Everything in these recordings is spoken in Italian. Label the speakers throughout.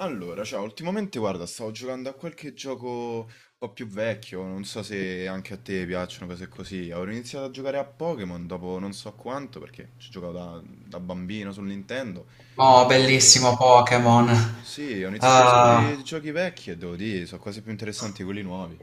Speaker 1: Allora, ciao, ultimamente guarda, stavo giocando a qualche gioco un po' più vecchio, non so se anche a te piacciono cose così. Avevo iniziato a giocare a Pokémon dopo non so quanto, perché ci giocavo da, da bambino sul Nintendo.
Speaker 2: Oh,
Speaker 1: E...
Speaker 2: bellissimo Pokémon.
Speaker 1: Sì, ho iniziato a riscoprire
Speaker 2: Ah,
Speaker 1: i giochi vecchi e devo dire, sono quasi più interessanti di quelli nuovi.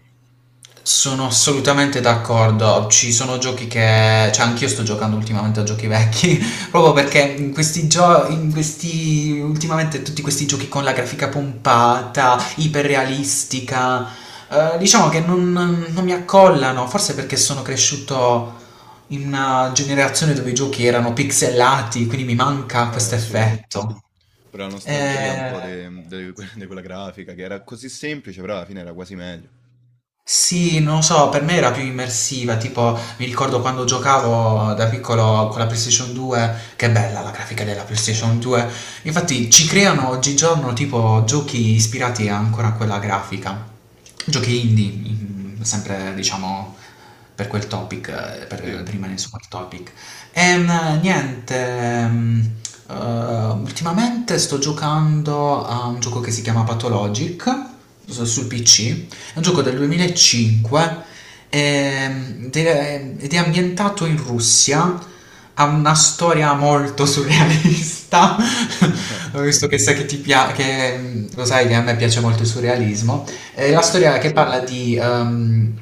Speaker 2: sono assolutamente d'accordo. Ci sono giochi che... Cioè, anch'io sto giocando ultimamente a giochi vecchi, proprio perché in questi giochi, in questi... ultimamente tutti questi giochi con la grafica pompata, iperrealistica, diciamo che non mi accollano, forse perché sono cresciuto in una generazione dove i giochi erano pixelati, quindi mi manca questo
Speaker 1: Eh sì,
Speaker 2: effetto.
Speaker 1: pure la nostalgia un po'
Speaker 2: Eh...
Speaker 1: di quella grafica, che era così semplice, però alla fine era quasi meglio.
Speaker 2: Sì, non lo so, per me era più immersiva, tipo mi ricordo quando giocavo da piccolo con la PlayStation 2, che bella la grafica della PlayStation 2, infatti ci creano oggigiorno tipo giochi ispirati ancora a quella grafica, giochi indie, sempre diciamo per quel topic, per
Speaker 1: Sì,
Speaker 2: rimanere su quel topic. Niente, eh, ultimamente sto giocando a un gioco che si chiama Pathologic sul PC. È un gioco del 2005, ed è ambientato in Russia, ha una storia molto surrealista, visto che sai che ti piace, che lo sai che a me piace molto il surrealismo. È la
Speaker 1: sì,
Speaker 2: storia che parla di... ehm,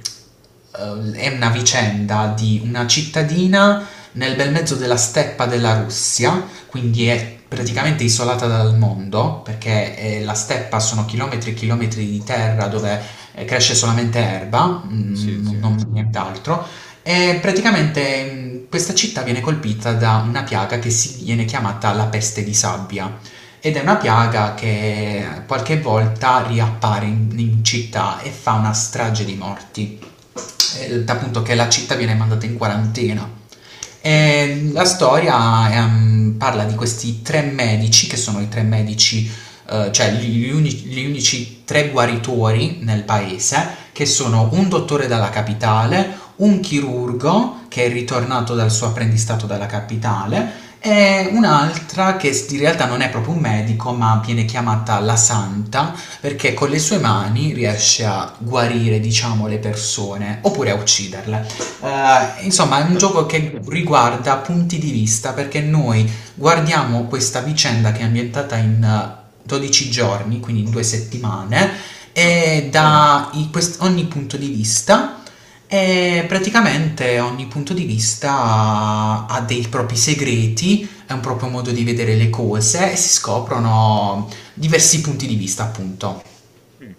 Speaker 2: eh, è una vicenda di una cittadina nel bel mezzo della steppa della Russia, quindi
Speaker 1: mhm,
Speaker 2: è praticamente isolata dal mondo, perché la steppa sono chilometri e chilometri di terra dove cresce solamente erba,
Speaker 1: sì, sì,
Speaker 2: non nient'altro, e praticamente questa città viene colpita da una piaga che si viene chiamata la peste di sabbia. Ed è una piaga che qualche volta riappare in città e fa una strage di morti, appunto, che la città viene mandata in quarantena.
Speaker 1: sì.
Speaker 2: E la storia, parla di questi tre medici, che sono i tre medici, cioè gli unici tre guaritori nel paese, che sono un dottore dalla capitale, un chirurgo che è ritornato dal suo apprendistato dalla capitale e un'altra che in realtà non è proprio un medico, ma viene chiamata la santa, perché con le sue mani riesce a guarire, diciamo, le persone oppure a ucciderle. Insomma, è un gioco che riguarda punti di vista, perché noi guardiamo questa vicenda che è ambientata in 12 giorni, quindi in 2 settimane,
Speaker 1: Ah,
Speaker 2: e ogni punto di vista. E praticamente ogni punto di vista ha dei propri segreti, è un proprio modo di vedere le cose e si scoprono diversi punti di vista, appunto.
Speaker 1: mh.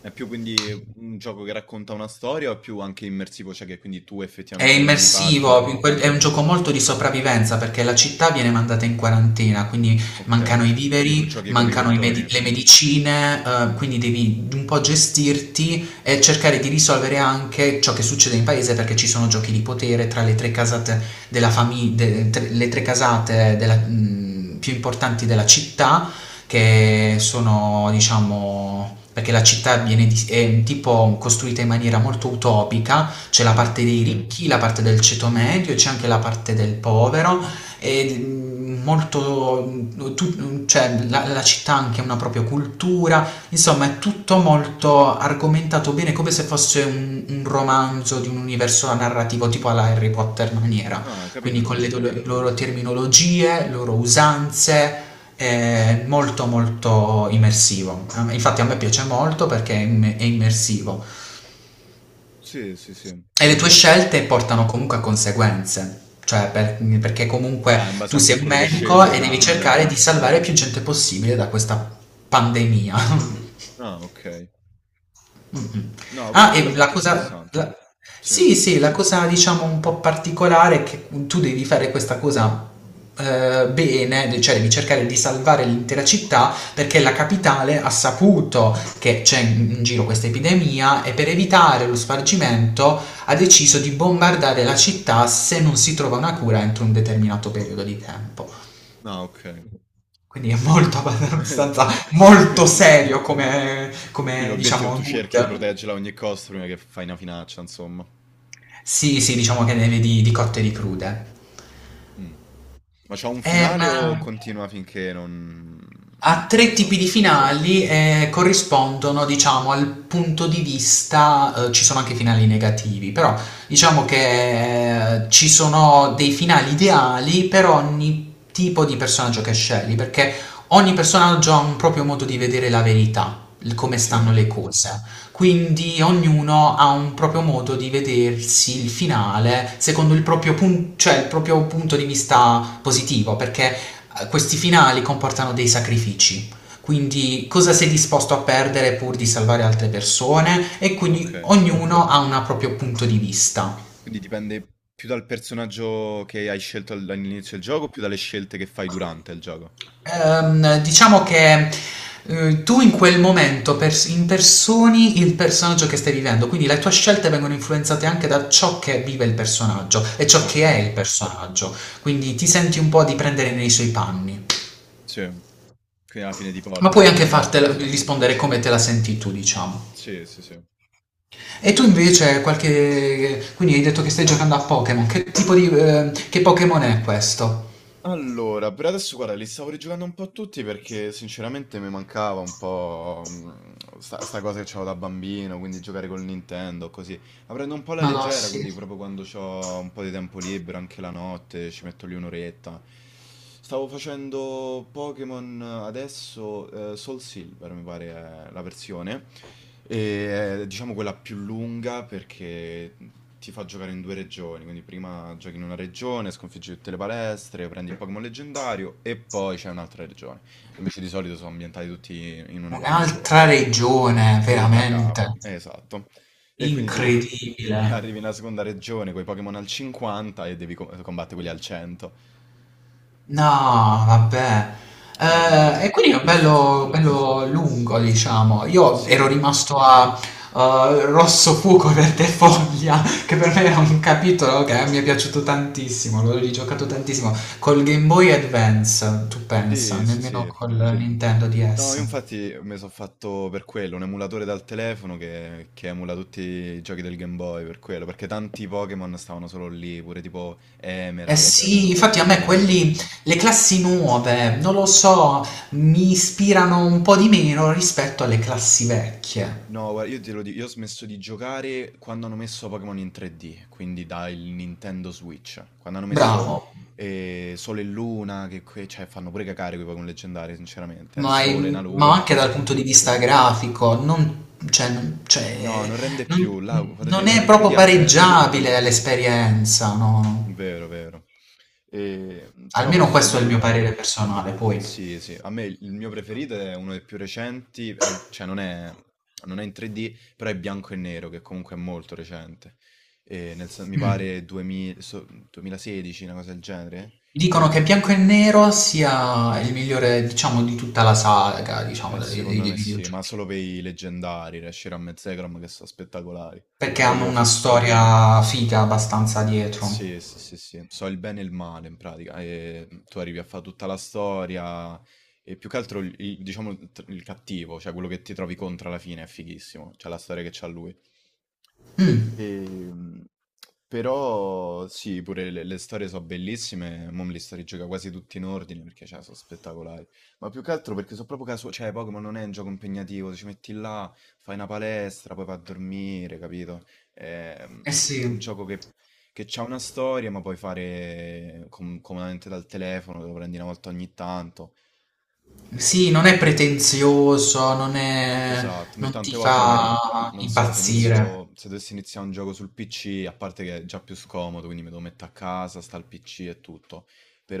Speaker 1: È più quindi un gioco che racconta una storia o è più anche immersivo, cioè che quindi tu
Speaker 2: È
Speaker 1: effettivamente prendi parte?
Speaker 2: immersivo, in quel è un gioco molto di sopravvivenza perché la città viene mandata in quarantena, quindi mancano
Speaker 1: Okay.
Speaker 2: i
Speaker 1: Quindi tu
Speaker 2: viveri,
Speaker 1: giochi come i
Speaker 2: mancano
Speaker 1: dottori.
Speaker 2: le medicine, quindi devi un po' gestirti e cercare di risolvere anche ciò che succede in paese, perché ci sono giochi di potere tra le tre casate della fami- de- tre- le tre casate più importanti della città, che sono, diciamo, perché la città è tipo costruita in maniera molto utopica. C'è la
Speaker 1: Ah-ah.
Speaker 2: parte dei ricchi, la parte del ceto medio, c'è anche la parte del povero e molto, mm, tu- mm, cioè, la città ha anche una propria cultura, insomma è tutto molto argomentato bene, come se fosse un romanzo di un universo narrativo tipo alla Harry Potter maniera,
Speaker 1: Ah,
Speaker 2: quindi
Speaker 1: ho
Speaker 2: con
Speaker 1: capito,
Speaker 2: le
Speaker 1: sì.
Speaker 2: loro terminologie, le loro usanze, è molto molto immersivo. Infatti a me piace molto perché è immersivo.
Speaker 1: Sì, sì, sì.
Speaker 2: E le tue scelte portano comunque a conseguenze, cioè perché comunque
Speaker 1: Ah, in base
Speaker 2: tu
Speaker 1: anche a
Speaker 2: sei un
Speaker 1: quello che scegli
Speaker 2: medico
Speaker 1: ti
Speaker 2: e devi
Speaker 1: dà,
Speaker 2: cercare
Speaker 1: eh?
Speaker 2: di salvare più gente possibile da questa pandemia.
Speaker 1: Ah, okay.
Speaker 2: Mhm.
Speaker 1: No,
Speaker 2: Ah,
Speaker 1: quello è
Speaker 2: e la
Speaker 1: molto
Speaker 2: cosa...
Speaker 1: interessante. Sì.
Speaker 2: Sì, sì, la cosa, diciamo, un po' particolare è che tu devi fare questa cosa, bene, cioè devi cercare di salvare l'intera città, perché la capitale ha saputo che c'è in giro questa epidemia e, per evitare lo spargimento, ha deciso di bombardare la città se non si trova una cura entro un determinato periodo di tempo.
Speaker 1: Ah, okay.
Speaker 2: Quindi è molto
Speaker 1: Quindi tu
Speaker 2: abbastanza
Speaker 1: sì,
Speaker 2: molto serio come,
Speaker 1: quindi
Speaker 2: come
Speaker 1: l'obiettivo
Speaker 2: diciamo,
Speaker 1: tu cerchi di
Speaker 2: mood.
Speaker 1: proteggerla a ogni costo prima che fai una finaccia, insomma.
Speaker 2: Sì, sì, diciamo che ne vedi di cotte e di crude.
Speaker 1: Mh. Ma c'ha un finale o
Speaker 2: Ok.
Speaker 1: continua finché non...
Speaker 2: Ha
Speaker 1: non lo
Speaker 2: tre
Speaker 1: so?
Speaker 2: tipi di finali e corrispondono, diciamo, al punto di vista. Ci sono anche finali negativi, però diciamo che, ci sono dei finali ideali per ogni tipo di personaggio che scegli, perché ogni personaggio ha un proprio modo di vedere la verità, il come stanno
Speaker 1: Sì?
Speaker 2: le cose. Quindi ognuno ha un proprio modo di vedersi il finale secondo il proprio, cioè il proprio punto di vista positivo, perché questi finali comportano dei sacrifici. Quindi, cosa sei disposto a perdere pur di salvare altre persone? E
Speaker 1: Ok.
Speaker 2: quindi ognuno ha un proprio punto di vista.
Speaker 1: Quindi dipende più dal personaggio che hai scelto all'inizio del gioco, più dalle scelte che fai durante il gioco.
Speaker 2: Diciamo che, tu in quel momento impersoni il personaggio che stai vivendo, quindi le tue scelte vengono influenzate anche da ciò che vive il personaggio e ciò
Speaker 1: Ok,
Speaker 2: che è il personaggio, quindi ti senti un po' di prendere nei suoi panni,
Speaker 1: sì. Quindi alla fine ti
Speaker 2: ma
Speaker 1: porta a
Speaker 2: puoi
Speaker 1: quel
Speaker 2: anche
Speaker 1: finale,
Speaker 2: fartela
Speaker 1: insomma.
Speaker 2: rispondere come te la senti tu, diciamo.
Speaker 1: Sì, sì, sì.
Speaker 2: E tu invece qualche... quindi hai detto che stai giocando a Pokémon, che tipo di... che Pokémon è questo?
Speaker 1: Allora, per adesso guarda, li stavo rigiocando un po' tutti perché sinceramente mi mancava un po' sta cosa che c'avevo da bambino, quindi giocare col Nintendo, così. La prendo un po' alla
Speaker 2: Madonna,
Speaker 1: leggera,
Speaker 2: sì.
Speaker 1: quindi proprio quando ho un po' di tempo libero, anche la notte, ci metto lì un'oretta. Stavo facendo Pokémon adesso, Soul Silver mi pare è la versione, e è, diciamo quella più lunga perché ti fa giocare in due regioni, quindi prima giochi in una regione, sconfiggi tutte le palestre, prendi il Pokémon leggendario e poi c'è un'altra regione. Invece di solito sono ambientati tutti in una parte sola.
Speaker 2: Un'altra regione,
Speaker 1: E da capo,
Speaker 2: veramente.
Speaker 1: esatto. E quindi tu
Speaker 2: Incredibile.
Speaker 1: arrivi nella seconda regione con i Pokémon al 50 e devi combattere quelli al 100.
Speaker 2: No, vabbè.
Speaker 1: Quindi
Speaker 2: Eh,
Speaker 1: è
Speaker 2: e quindi è
Speaker 1: abbastanza
Speaker 2: bello,
Speaker 1: complesso.
Speaker 2: bello lungo, diciamo. Io
Speaker 1: Sì,
Speaker 2: ero rimasto a Rosso Fuoco Verde Foglia, che per me era un capitolo che mi è piaciuto tantissimo, l'ho rigiocato tantissimo. Col Game Boy Advance, tu pensa,
Speaker 1: sì, sì,
Speaker 2: nemmeno
Speaker 1: sì.
Speaker 2: col, sì, Nintendo
Speaker 1: No, io
Speaker 2: DS.
Speaker 1: infatti mi sono fatto per quello, un emulatore dal telefono che emula tutti i giochi del Game Boy, per quello, perché tanti Pokémon stavano solo lì, pure tipo
Speaker 2: Eh
Speaker 1: Emerald,
Speaker 2: sì,
Speaker 1: uno dei
Speaker 2: infatti a me
Speaker 1: primi.
Speaker 2: quelli, le classi nuove, non lo so, mi ispirano un po' di meno rispetto alle classi vecchie.
Speaker 1: No, guarda, io te lo dico, io ho smesso di giocare quando hanno messo Pokémon in 3D, quindi dal Nintendo Switch, quando hanno messo
Speaker 2: Bravo.
Speaker 1: Sole e Luna, che cioè, fanno pure cacare quei Pokémon leggendari, sinceramente, un
Speaker 2: Ma,
Speaker 1: sole, una
Speaker 2: in- ma
Speaker 1: luna,
Speaker 2: anche
Speaker 1: cioè...
Speaker 2: dal punto di vista grafico, non, cioè,
Speaker 1: No, non rende
Speaker 2: non-
Speaker 1: più, là, quando è
Speaker 2: non
Speaker 1: diventato
Speaker 2: è
Speaker 1: in 3D
Speaker 2: proprio
Speaker 1: ha perso,
Speaker 2: pareggiabile l'esperienza, no?
Speaker 1: vero, vero. E, però
Speaker 2: Almeno
Speaker 1: posso
Speaker 2: questo è il mio
Speaker 1: dire,
Speaker 2: parere personale, poi.
Speaker 1: sì, sì, a me il mio preferito è uno dei più recenti, cioè non è, non è in 3D, però è bianco e nero, che comunque è molto recente. E nel mi
Speaker 2: Mm.
Speaker 1: pare 2000 2016, una cosa del genere.
Speaker 2: Dicono che Bianco e Nero sia il migliore, diciamo, di tutta la saga, diciamo, dei, dei-
Speaker 1: Secondo
Speaker 2: dei
Speaker 1: me sì,
Speaker 2: videogiochi,
Speaker 1: ma solo per i leggendari, Reshiram e Zekrom, che sono spettacolari.
Speaker 2: perché
Speaker 1: Cioè
Speaker 2: hanno
Speaker 1: io
Speaker 2: una
Speaker 1: so...
Speaker 2: storia figa abbastanza dietro.
Speaker 1: Sì, sì, sì, sì. So il bene e il male in pratica, tu arrivi a fa' tutta la storia e più che altro il diciamo il cattivo, cioè quello che ti trovi contro alla fine è fighissimo, cioè la storia che c'ha lui.
Speaker 2: Mm.
Speaker 1: Ehm, però sì, pure le storie sono bellissime, mo me li sto rigioca quasi tutti in ordine perché cioè, sono spettacolari, ma più che altro perché sono proprio casuali, cioè Pokémon non è un gioco impegnativo, ci metti là, fai una palestra, poi vai a dormire, capito? È
Speaker 2: Eh
Speaker 1: un
Speaker 2: sì.
Speaker 1: gioco che ha una storia ma puoi fare comodamente dal telefono, te lo prendi una volta ogni tanto.
Speaker 2: Sì, non è pretenzioso,
Speaker 1: Esatto, invece
Speaker 2: non
Speaker 1: tante
Speaker 2: ti
Speaker 1: volte magari,
Speaker 2: fa
Speaker 1: non so,
Speaker 2: impazzire.
Speaker 1: se dovessi iniziare un gioco sul PC, a parte che è già più scomodo, quindi me lo metto a casa, sta al PC e tutto,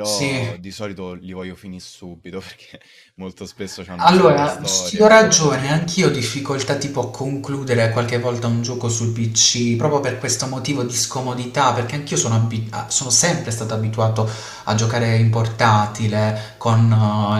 Speaker 2: Sì.
Speaker 1: di solito li voglio finire subito perché molto spesso hanno una bella
Speaker 2: Allora, ti
Speaker 1: storia e
Speaker 2: do
Speaker 1: quindi
Speaker 2: ragione, anch'io ho difficoltà tipo a concludere qualche volta un gioco sul PC, proprio per questo motivo di scomodità, perché anch'io sono sempre stato abituato a giocare in portatile con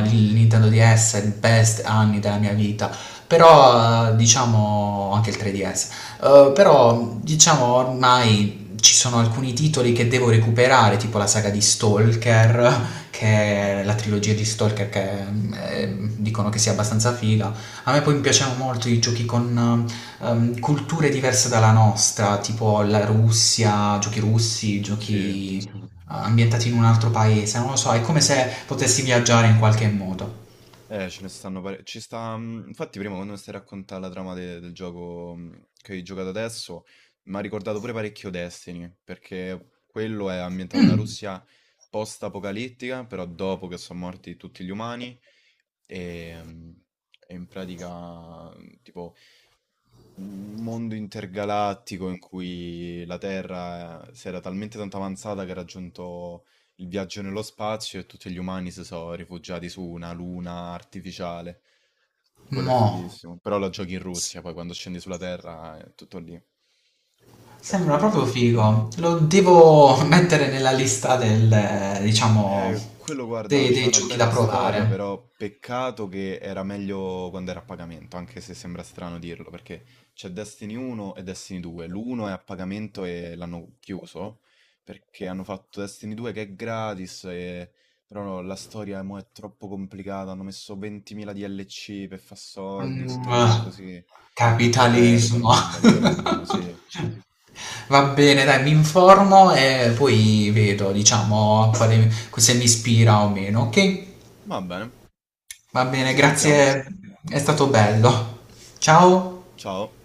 Speaker 2: il Nintendo DS, il best anni della mia vita, però diciamo anche il 3DS. Però diciamo ormai ci sono alcuni titoli che devo recuperare, tipo la saga di Stalker, che è la trilogia di Stalker che, dicono che sia abbastanza figa. A me poi mi piacevano molto i giochi con culture diverse dalla nostra, tipo la Russia, giochi russi,
Speaker 1: sì.
Speaker 2: giochi ambientati in un altro paese, non lo so, è come se potessi viaggiare in qualche modo.
Speaker 1: Ce ne stanno pare. Ci sta, mhmm, infatti prima quando mi stai a raccontà la trama de del gioco, mhmm, che hai giocato adesso, m'ha ricordato pure parecchio Destiny, perché quello è ambientato nella Russia post-apocalittica, però dopo che son morti tutti gli umani, ehm, e in pratica, mhmm, tipo un mondo intergalattico in cui la Terra si era talmente tanto avanzata che ha raggiunto il viaggio nello spazio e tutti gli umani si sono rifugiati su una luna artificiale. Quello è
Speaker 2: Mo,
Speaker 1: fighissimo. Però lo giochi in Russia, poi quando scendi sulla Terra, è tutto lì. È
Speaker 2: sembra proprio
Speaker 1: figo.
Speaker 2: figo. Lo devo mettere nella lista diciamo,
Speaker 1: Quello guarda,
Speaker 2: dei,
Speaker 1: c'ha
Speaker 2: dei
Speaker 1: una
Speaker 2: giochi da
Speaker 1: bella storia,
Speaker 2: provare.
Speaker 1: però peccato che era meglio quando era a pagamento, anche se sembra strano dirlo, perché c'è Destiny 1 e Destiny 2. L'uno è a pagamento e l'hanno chiuso, perché hanno fatto Destiny 2 che è gratis, e... però no, la storia mo è troppo complicata, hanno messo 20.000 DLC per far soldi, tutte
Speaker 2: Mm,
Speaker 1: cose
Speaker 2: eh.
Speaker 1: così, e poi perdono
Speaker 2: Capitalismo.
Speaker 1: quando allungano, sì.
Speaker 2: Va bene, dai, mi informo e poi vedo, diciamo, se mi ispira o meno, ok?
Speaker 1: Va bene,
Speaker 2: Va bene,
Speaker 1: ci sentiamo.
Speaker 2: grazie, è stato bello. Ciao.
Speaker 1: Ciao.